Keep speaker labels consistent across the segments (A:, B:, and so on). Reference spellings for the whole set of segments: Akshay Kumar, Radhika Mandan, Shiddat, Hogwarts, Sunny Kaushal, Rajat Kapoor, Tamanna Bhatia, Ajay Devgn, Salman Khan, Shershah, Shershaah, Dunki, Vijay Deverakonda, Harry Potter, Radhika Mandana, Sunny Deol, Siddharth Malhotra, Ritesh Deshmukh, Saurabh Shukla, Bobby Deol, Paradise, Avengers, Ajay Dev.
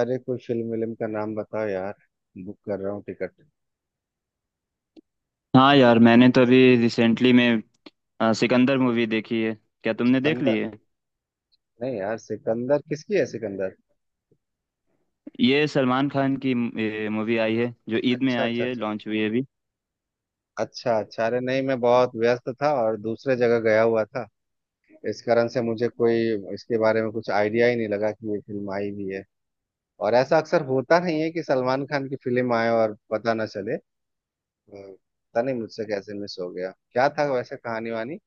A: अरे कोई फिल्म विल्म का नाम बताओ यार। बुक कर रहा हूँ टिकट।
B: हाँ यार, मैंने तो अभी रिसेंटली में सिकंदर मूवी देखी है। क्या तुमने देख ली
A: सिकंदर।
B: है?
A: नहीं यार, सिकंदर किसकी है सिकंदर?
B: ये सलमान खान की मूवी आई है, जो ईद में
A: अच्छा,
B: आई
A: अच्छा,
B: है,
A: अच्छा,
B: लॉन्च हुई है अभी।
A: अच्छा, अच्छा। अरे नहीं, मैं बहुत व्यस्त था और दूसरे जगह गया हुआ था। इस कारण से मुझे कोई इसके बारे में कुछ आइडिया ही नहीं लगा कि ये फिल्म आई भी है। और ऐसा अक्सर होता नहीं है कि सलमान खान की फिल्म आए और पता ना चले। पता नहीं मुझसे कैसे मिस हो गया, क्या था वैसे कहानी वानी।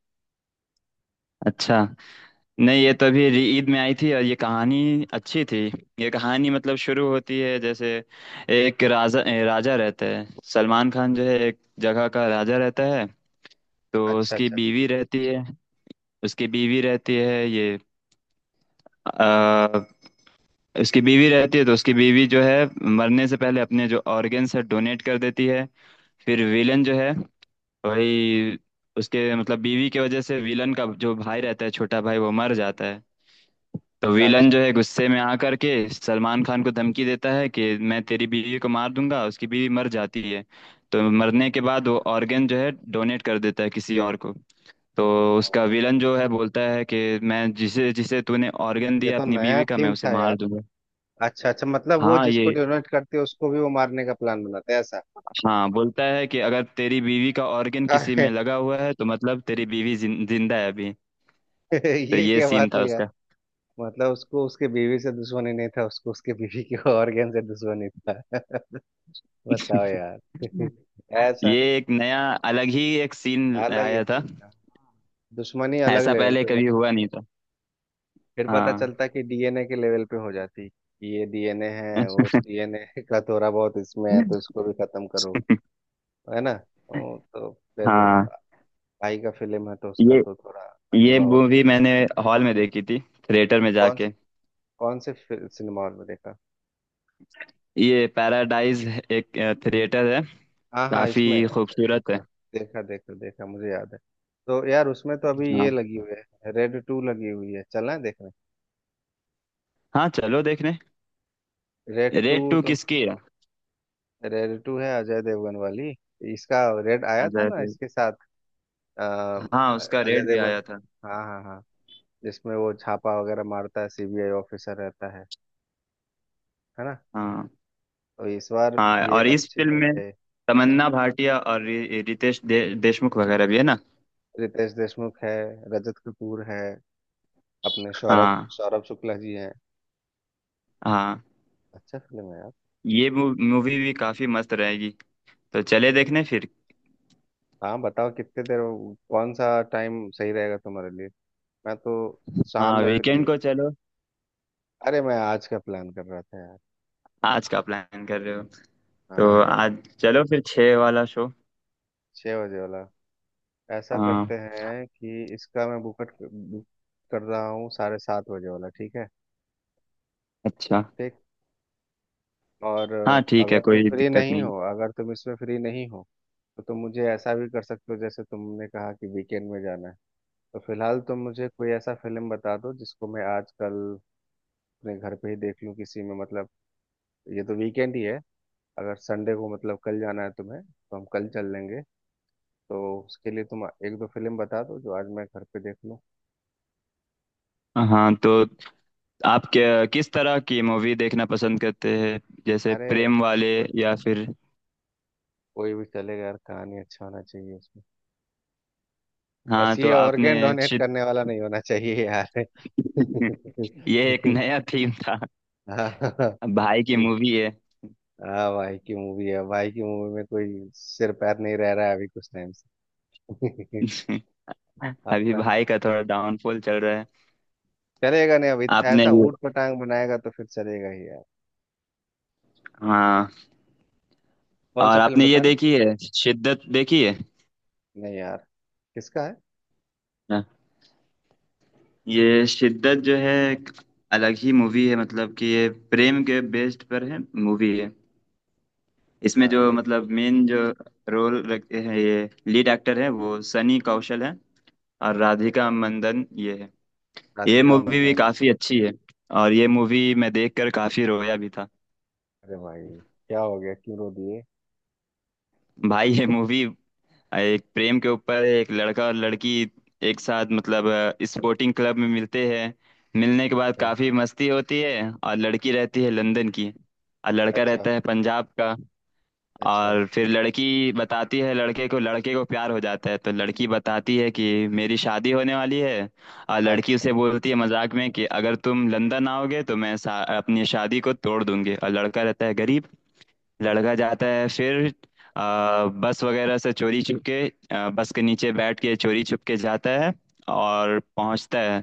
B: अच्छा। नहीं, ये तो अभी ईद में आई थी और ये कहानी अच्छी थी। ये कहानी मतलब शुरू होती है जैसे, एक राजा राजा रहता है। सलमान खान जो है एक जगह का राजा रहता है, तो
A: अच्छा,
B: उसकी
A: अच्छा, अच्छा,
B: बीवी रहती है। उसकी बीवी रहती है ये। उसकी बीवी रहती है, तो उसकी बीवी जो है मरने से पहले अपने जो ऑर्गेन्स है डोनेट कर देती है। फिर विलन जो है वही, उसके मतलब बीवी की वजह से विलन का जो भाई रहता है छोटा भाई वो मर जाता है। तो
A: अच्छा,
B: विलन
A: अच्छा।
B: जो है गुस्से में आकर के सलमान खान को धमकी देता है कि मैं तेरी बीवी को मार दूंगा। उसकी बीवी मर जाती है। तो मरने के बाद वो ऑर्गेन जो है डोनेट कर देता है किसी और को। तो
A: ओहो।
B: उसका विलन जो है बोलता है कि मैं जिसे जिसे तूने ऑर्गेन
A: ये
B: दिया
A: तो
B: अपनी
A: नया
B: बीवी का, मैं
A: थीम
B: उसे
A: था।
B: मार दूंगा।
A: अच्छा अच्छा, मतलब वो
B: हाँ
A: जिसको
B: ये।
A: डोनेट करते हैं उसको भी वो मारने का प्लान बनाते हैं ऐसा।
B: हाँ, बोलता है कि अगर तेरी बीवी का ऑर्गन किसी
A: अरे,
B: में लगा हुआ है तो मतलब तेरी बीवी जिंदा है अभी। तो
A: ये
B: ये
A: क्या बात
B: सीन था
A: हुई यार।
B: उसका।
A: मतलब उसको उसके बीवी से दुश्मनी नहीं था, उसको उसके बीवी के ऑर्गन से दुश्मनी था। बताओ यार, ऐसा।
B: ये एक नया अलग ही एक सीन
A: अलग ही
B: आया
A: था
B: था।
A: इनका, दुश्मनी अलग
B: ऐसा
A: लेवल
B: पहले
A: पे
B: कभी
A: मतलब।
B: हुआ नहीं था।
A: फिर पता
B: हाँ।
A: चलता कि डीएनए के लेवल पे हो जाती कि ये डीएनए है, उस डीएनए का थोड़ा बहुत इसमें है तो इसको भी खत्म करो। है ना? तो फिर
B: हाँ,
A: भाई का फिल्म है तो उसका
B: ये
A: तो थोड़ा
B: ये
A: अजूबा होता है।
B: मूवी मैंने हॉल में देखी थी, थिएटर में
A: कौन
B: जाके।
A: कौन से सिनेमा हॉल में देखा?
B: ये पैराडाइज एक थिएटर है,
A: हाँ हाँ,
B: काफी
A: इसमें, अच्छा अच्छा
B: खूबसूरत है।
A: अच्छा। देखा देखा देखा, मुझे याद है। तो यार उसमें तो अभी ये
B: हाँ
A: लगी हुई है, रेड टू लगी हुई है, चलना है देखने?
B: हाँ, चलो देखने।
A: रेड टू
B: रेड टू
A: तो।
B: किसकी है?
A: रेड टू है अजय देवगन वाली। इसका रेड आया था
B: अजय
A: ना
B: देव।
A: इसके साथ। आ,
B: हाँ, उसका
A: अजय
B: रेड भी
A: देवगन।
B: आया था।
A: हाँ हाँ हाँ। जिसमें वो छापा वगैरह मारता है, सीबीआई ऑफिसर रहता है ना?
B: हाँ
A: तो इस बार
B: हाँ।
A: ये
B: और इस
A: अच्छी
B: फिल्म
A: बन
B: में
A: गई।
B: तमन्ना भाटिया और रितेश देशमुख वगैरह भी है ना।
A: रितेश देशमुख है, रजत कपूर है, अपने सौरभ
B: हाँ
A: सौरभ शुक्ला जी हैं।
B: हाँ,
A: अच्छा फिल्म है।
B: ये मूवी भी काफी मस्त रहेगी। तो चले देखने फिर।
A: हाँ बताओ कितने देर, कौन सा टाइम सही रहेगा तुम्हारे लिए? मैं तो शाम
B: हाँ,
A: में फ्री
B: वीकेंड
A: हूँ।
B: को चलो।
A: अरे मैं आज का प्लान कर रहा था यार।
B: आज का प्लान कर रहे हो? तो
A: हाँ,
B: आज चलो फिर 6 वाला शो।
A: 6 बजे वाला। ऐसा करते
B: हाँ
A: हैं कि इसका मैं बुक कर रहा हूँ, 7:30 बजे वाला, ठीक है?
B: अच्छा।
A: ठीक। और
B: हाँ ठीक
A: अगर
B: है,
A: तुम
B: कोई
A: फ्री
B: दिक्कत
A: नहीं
B: नहीं।
A: हो, अगर तुम इसमें फ्री नहीं हो, तो तुम मुझे ऐसा भी कर सकते हो, जैसे तुमने कहा कि वीकेंड में जाना है। तो फिलहाल तुम मुझे कोई ऐसा फिल्म बता दो जिसको मैं आज कल अपने घर पे ही देख लूँ, किसी में मतलब। ये तो वीकेंड ही है, अगर संडे को मतलब कल जाना है तुम्हें तो हम कल चल लेंगे। तो उसके लिए तुम एक दो फिल्म बता दो जो आज मैं घर पे देख लूँ।
B: हाँ तो आप क्या किस तरह की मूवी देखना पसंद करते हैं? जैसे
A: अरे
B: प्रेम वाले,
A: को-
B: या फिर।
A: कोई भी चलेगा यार, कहानी अच्छा होना चाहिए उसमें। बस
B: हाँ तो
A: ये
B: आपने
A: ऑर्गेन डोनेट
B: शिद-।
A: करने वाला नहीं होना चाहिए यार।
B: ये एक नया थीम था।
A: हाँ।
B: भाई की मूवी है।
A: हाँ, भाई की मूवी है, भाई की मूवी में कोई सिर पैर नहीं रह रहा है अभी कुछ टाइम से।
B: अभी
A: अपना
B: भाई का थोड़ा डाउनफॉल चल रहा है।
A: चलेगा नहीं, अभी
B: आपने
A: ऐसा
B: ये
A: ऊट पटांग बनाएगा तो फिर चलेगा ही यार।
B: हाँ,
A: कौन सा
B: और
A: फिल्म
B: आपने ये
A: बता रहे हैं?
B: देखी है शिद्दत देखी है?
A: नहीं यार, किसका है?
B: हाँ। ये शिद्दत जो है एक अलग ही मूवी है, मतलब कि ये प्रेम के बेस्ड पर है। मूवी है। इसमें
A: हाँ
B: जो
A: ये।
B: मतलब मेन जो रोल रखते हैं ये लीड एक्टर है, वो सनी कौशल है। और राधिका मंदन ये है। ये
A: राधिका
B: मूवी भी
A: मंदाना।
B: काफी अच्छी है, और ये मूवी मैं देखकर काफी रोया भी था।
A: अरे भाई, क्या हो गया, क्यों रो दिए?
B: भाई, ये मूवी एक प्रेम के ऊपर है। एक लड़का और लड़की एक साथ मतलब स्पोर्टिंग क्लब में मिलते हैं। मिलने के बाद काफी मस्ती होती है, और लड़की रहती है लंदन की और लड़का
A: अच्छा,
B: रहता है पंजाब का।
A: अच्छा, अच्छा,
B: और फिर लड़की बताती है, लड़के को, लड़के को प्यार हो जाता है, तो लड़की बताती है कि मेरी शादी होने वाली है। और
A: अच्छा,
B: लड़की
A: अच्छा,
B: उसे बोलती है मजाक में कि अगर तुम लंदन आओगे तो मैं अपनी शादी को तोड़ दूंगी, और लड़का रहता है गरीब। लड़का जाता है फिर, बस वगैरह से चोरी छुप के, बस के नीचे बैठ के चोरी छुप के जाता है और पहुंचता है।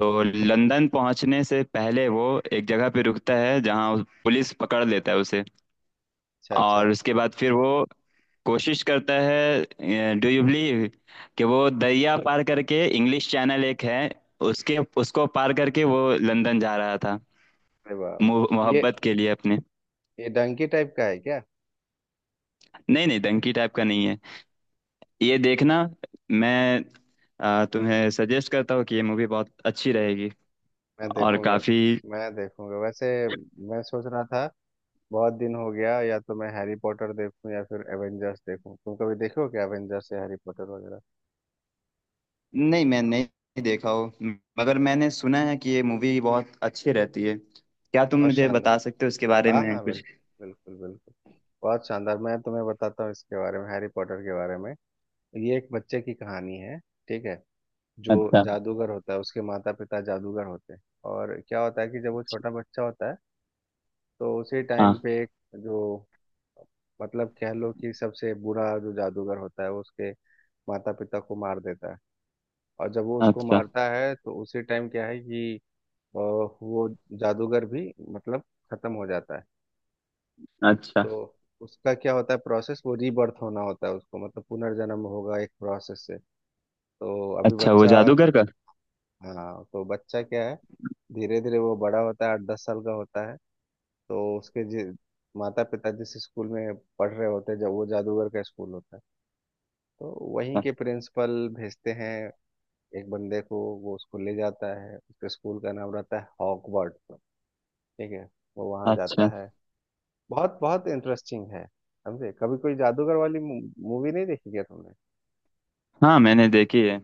B: तो लंदन पहुंचने से पहले वो एक जगह पे रुकता है, जहां पुलिस पकड़ लेता है उसे।
A: अच्छा, अच्छा।
B: और उसके बाद फिर वो कोशिश करता है, डू यू बिलीव, कि वो दरिया पार करके, इंग्लिश चैनल एक है, उसके उसको पार करके वो लंदन जा रहा था।
A: अरे बाप, ये
B: मोहब्बत के लिए अपने।
A: ये डंकी टाइप का है क्या?
B: नहीं नहीं, डंकी टाइप का नहीं है। ये देखना। मैं तुम्हें सजेस्ट करता हूँ कि ये मूवी बहुत अच्छी रहेगी
A: मैं
B: और
A: देखूंगा।
B: काफी।
A: मैं देखूंगा वैसे। मैं सोच रहा था बहुत दिन हो गया, या तो मैं हैरी पॉटर देखूं या फिर एवेंजर्स देखूं। तुम कभी देखे हो क्या एवेंजर्स या हैरी पॉटर वगैरह?
B: नहीं, मैं नहीं देखा हो, मगर मैंने सुना है कि ये मूवी बहुत अच्छी रहती है। क्या तुम
A: बहुत
B: मुझे बता
A: शानदार।
B: सकते हो इसके बारे
A: हाँ
B: में
A: हाँ,
B: कुछ?
A: बिल्कुल बिल्कुल बिल्कुल। बहुत शानदार, मैं तुम्हें बताता हूँ इसके बारे में, हैरी पॉटर के बारे में। ये एक बच्चे की कहानी है, ठीक है? जो
B: अच्छा।
A: जादूगर होता है, उसके माता पिता जादूगर होते हैं। और क्या होता है कि जब वो छोटा बच्चा होता है, तो उसी टाइम
B: हाँ
A: पे एक, जो, मतलब कह लो कि सबसे बुरा जो जादूगर होता है, वो उसके माता पिता को मार देता है। और जब वो उसको
B: अच्छा
A: मारता है तो उसी टाइम क्या है कि वो जादूगर भी, मतलब, खत्म हो जाता है।
B: अच्छा
A: तो उसका क्या होता है प्रोसेस, वो रीबर्थ होना होता है उसको, मतलब पुनर्जन्म होगा एक प्रोसेस से। तो अभी
B: अच्छा। वो
A: बच्चा,
B: जादूगर का?
A: हाँ, तो बच्चा क्या है, धीरे धीरे वो बड़ा होता है, 8-10 साल का होता है। तो उसके माता पिता जिस स्कूल में पढ़ रहे होते हैं, जब वो जादूगर का स्कूल होता है, तो वहीं के प्रिंसिपल भेजते हैं एक बंदे को, वो उसको ले जाता है, उसके स्कूल का नाम रहता है हॉगवर्ट्स। ठीक है? वो वहाँ जाता
B: अच्छा।
A: है। बहुत बहुत इंटरेस्टिंग है, समझे? कभी कोई जादूगर वाली मूवी नहीं देखी क्या तुमने?
B: हाँ, मैंने देखी है।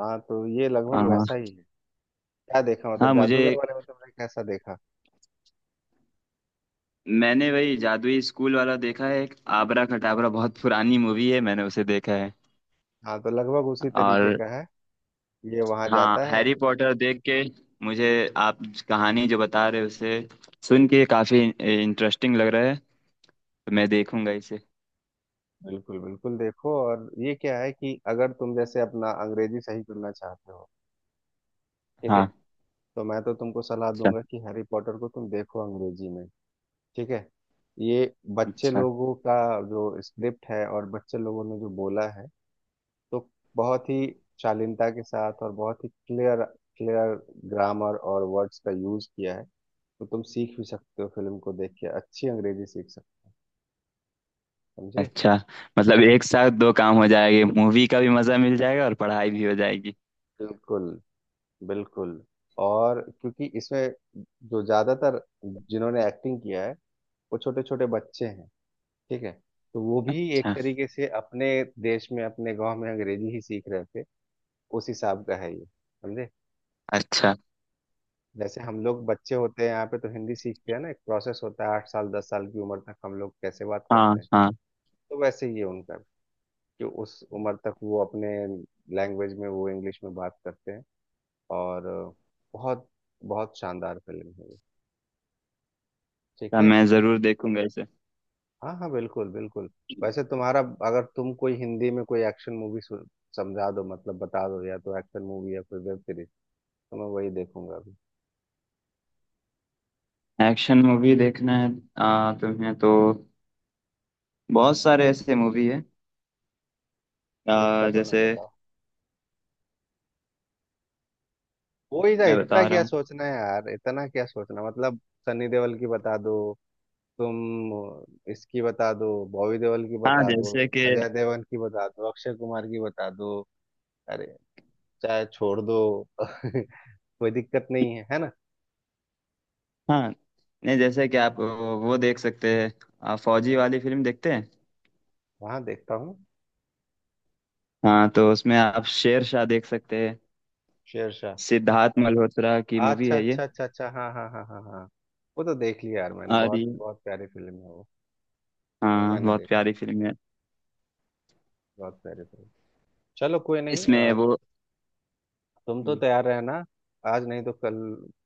A: हाँ, तो ये लगभग
B: हाँ
A: वैसा ही है। क्या देखा
B: हाँ।
A: मतलब,
B: मुझे
A: जादूगर वाले में तुमने कैसा देखा?
B: मैंने वही जादुई स्कूल वाला देखा है, एक आबरा खटाबरा बहुत पुरानी मूवी है, मैंने उसे देखा है।
A: हाँ, तो लगभग उसी तरीके
B: और
A: का है। ये वहां
B: हाँ,
A: जाता है।
B: हैरी पॉटर देख के मुझे, आप कहानी जो बता रहे हो उसे सुन के काफी इंटरेस्टिंग लग रहा है, तो मैं देखूंगा इसे।
A: बिल्कुल बिल्कुल देखो। और ये क्या है कि अगर तुम जैसे अपना अंग्रेजी सही करना चाहते हो, ठीक है,
B: हाँ
A: तो मैं तो तुमको सलाह
B: अच्छा
A: दूंगा कि हैरी पॉटर को तुम देखो अंग्रेजी में। ठीक है? ये बच्चे
B: अच्छा
A: लोगों का जो स्क्रिप्ट है और बच्चे लोगों ने जो बोला है, तो बहुत ही शालीनता के साथ और बहुत ही क्लियर क्लियर ग्रामर और वर्ड्स का यूज किया है। तो तुम सीख भी सकते हो, फिल्म को देख के अच्छी अंग्रेजी सीख सकते हो, समझे?
B: अच्छा। मतलब एक साथ दो काम हो जाएंगे, मूवी का भी मजा मिल जाएगा और पढ़ाई भी हो जाएगी।
A: बिल्कुल बिल्कुल। और क्योंकि इसमें जो ज्यादातर जिन्होंने एक्टिंग किया है वो छोटे छोटे बच्चे हैं, ठीक है, तो वो भी एक
B: अच्छा
A: तरीके से अपने देश में अपने गांव में अंग्रेजी ही सीख रहे थे, उस हिसाब का है ये, समझे?
B: अच्छा।
A: जैसे हम लोग बच्चे होते हैं यहाँ पे, तो हिंदी सीखते हैं ना, एक प्रोसेस होता है, 8 साल 10 साल की उम्र तक हम लोग कैसे बात
B: हाँ
A: करते हैं।
B: हाँ,
A: तो वैसे ही है उनका भी, कि उस उम्र तक वो अपने लैंग्वेज में, वो इंग्लिश में बात करते हैं। और बहुत बहुत शानदार फिल्म है ये, ठीक
B: तो
A: है?
B: मैं जरूर देखूंगा इसे।
A: हाँ हाँ, बिल्कुल बिल्कुल। वैसे तुम्हारा, अगर तुम कोई हिंदी में कोई एक्शन मूवी समझा दो, मतलब बता दो, या तो एक्शन मूवी या कोई वेब सीरीज, तो मैं वही देखूंगा अभी।
B: एक्शन मूवी देखना है। तुम्हें तो बहुत सारे ऐसे मूवी है,
A: एक का तो नाम
B: जैसे।
A: बताओ कोई ना,
B: मैं
A: इतना
B: बता रहा
A: क्या
B: हूँ।
A: सोचना है यार, इतना क्या सोचना मतलब। सनी देओल की बता दो तुम, इसकी बता दो, बॉबी देओल की
B: हाँ
A: बता दो
B: जैसे
A: तुम,
B: कि।
A: अजय देवगन की बता दो, अक्षय कुमार की बता दो। अरे चाहे छोड़ दो, कोई दिक्कत नहीं है, है ना?
B: हाँ, नहीं, जैसे कि आप वो देख सकते हैं। आप फौजी वाली फिल्म देखते हैं।
A: वहां देखता हूँ।
B: हाँ तो उसमें आप शेरशाह देख सकते हैं।
A: शेरशाह?
B: सिद्धार्थ मल्होत्रा की मूवी
A: अच्छा
B: है ये।
A: अच्छा अच्छा अच्छा, हाँ हाँ हाँ हाँ हाँ। वो तो देख लिया यार मैंने,
B: और
A: बहुत
B: ये।
A: बहुत प्यारी फिल्म है वो। वो
B: हाँ,
A: मैंने
B: बहुत
A: देखी,
B: प्यारी फिल्म है।
A: बहुत प्यारी फिल्म। चलो कोई नहीं
B: इसमें वो।
A: तुम तो तैयार रहना, आज नहीं तो कल।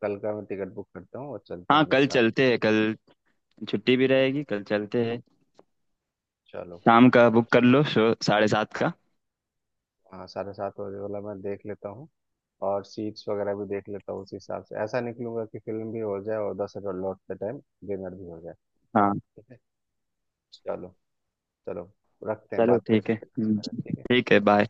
A: कल का मैं टिकट बुक करता हूँ और चलते हैं
B: हाँ
A: हम लोग
B: कल
A: साथ।
B: चलते हैं, कल छुट्टी भी
A: ठीक है,
B: रहेगी, कल चलते हैं।
A: चलो।
B: शाम का बुक
A: ठीक।
B: कर लो शो 7:30 का।
A: हाँ, 7:30 बजे वाला मैं देख लेता हूँ और सीट्स वगैरह भी देख लेता हूँ, उस हिसाब से ऐसा निकलूंगा कि फिल्म भी हो जाए और 10,000 लौटते टाइम डिनर भी हो जाए।
B: हाँ
A: ठीक है। चलो। चलो, रखते हैं,
B: चलो,
A: बात
B: ठीक
A: करके
B: है।
A: अच्छा लगा, ठीक
B: ठीक है,
A: है।
B: बाय।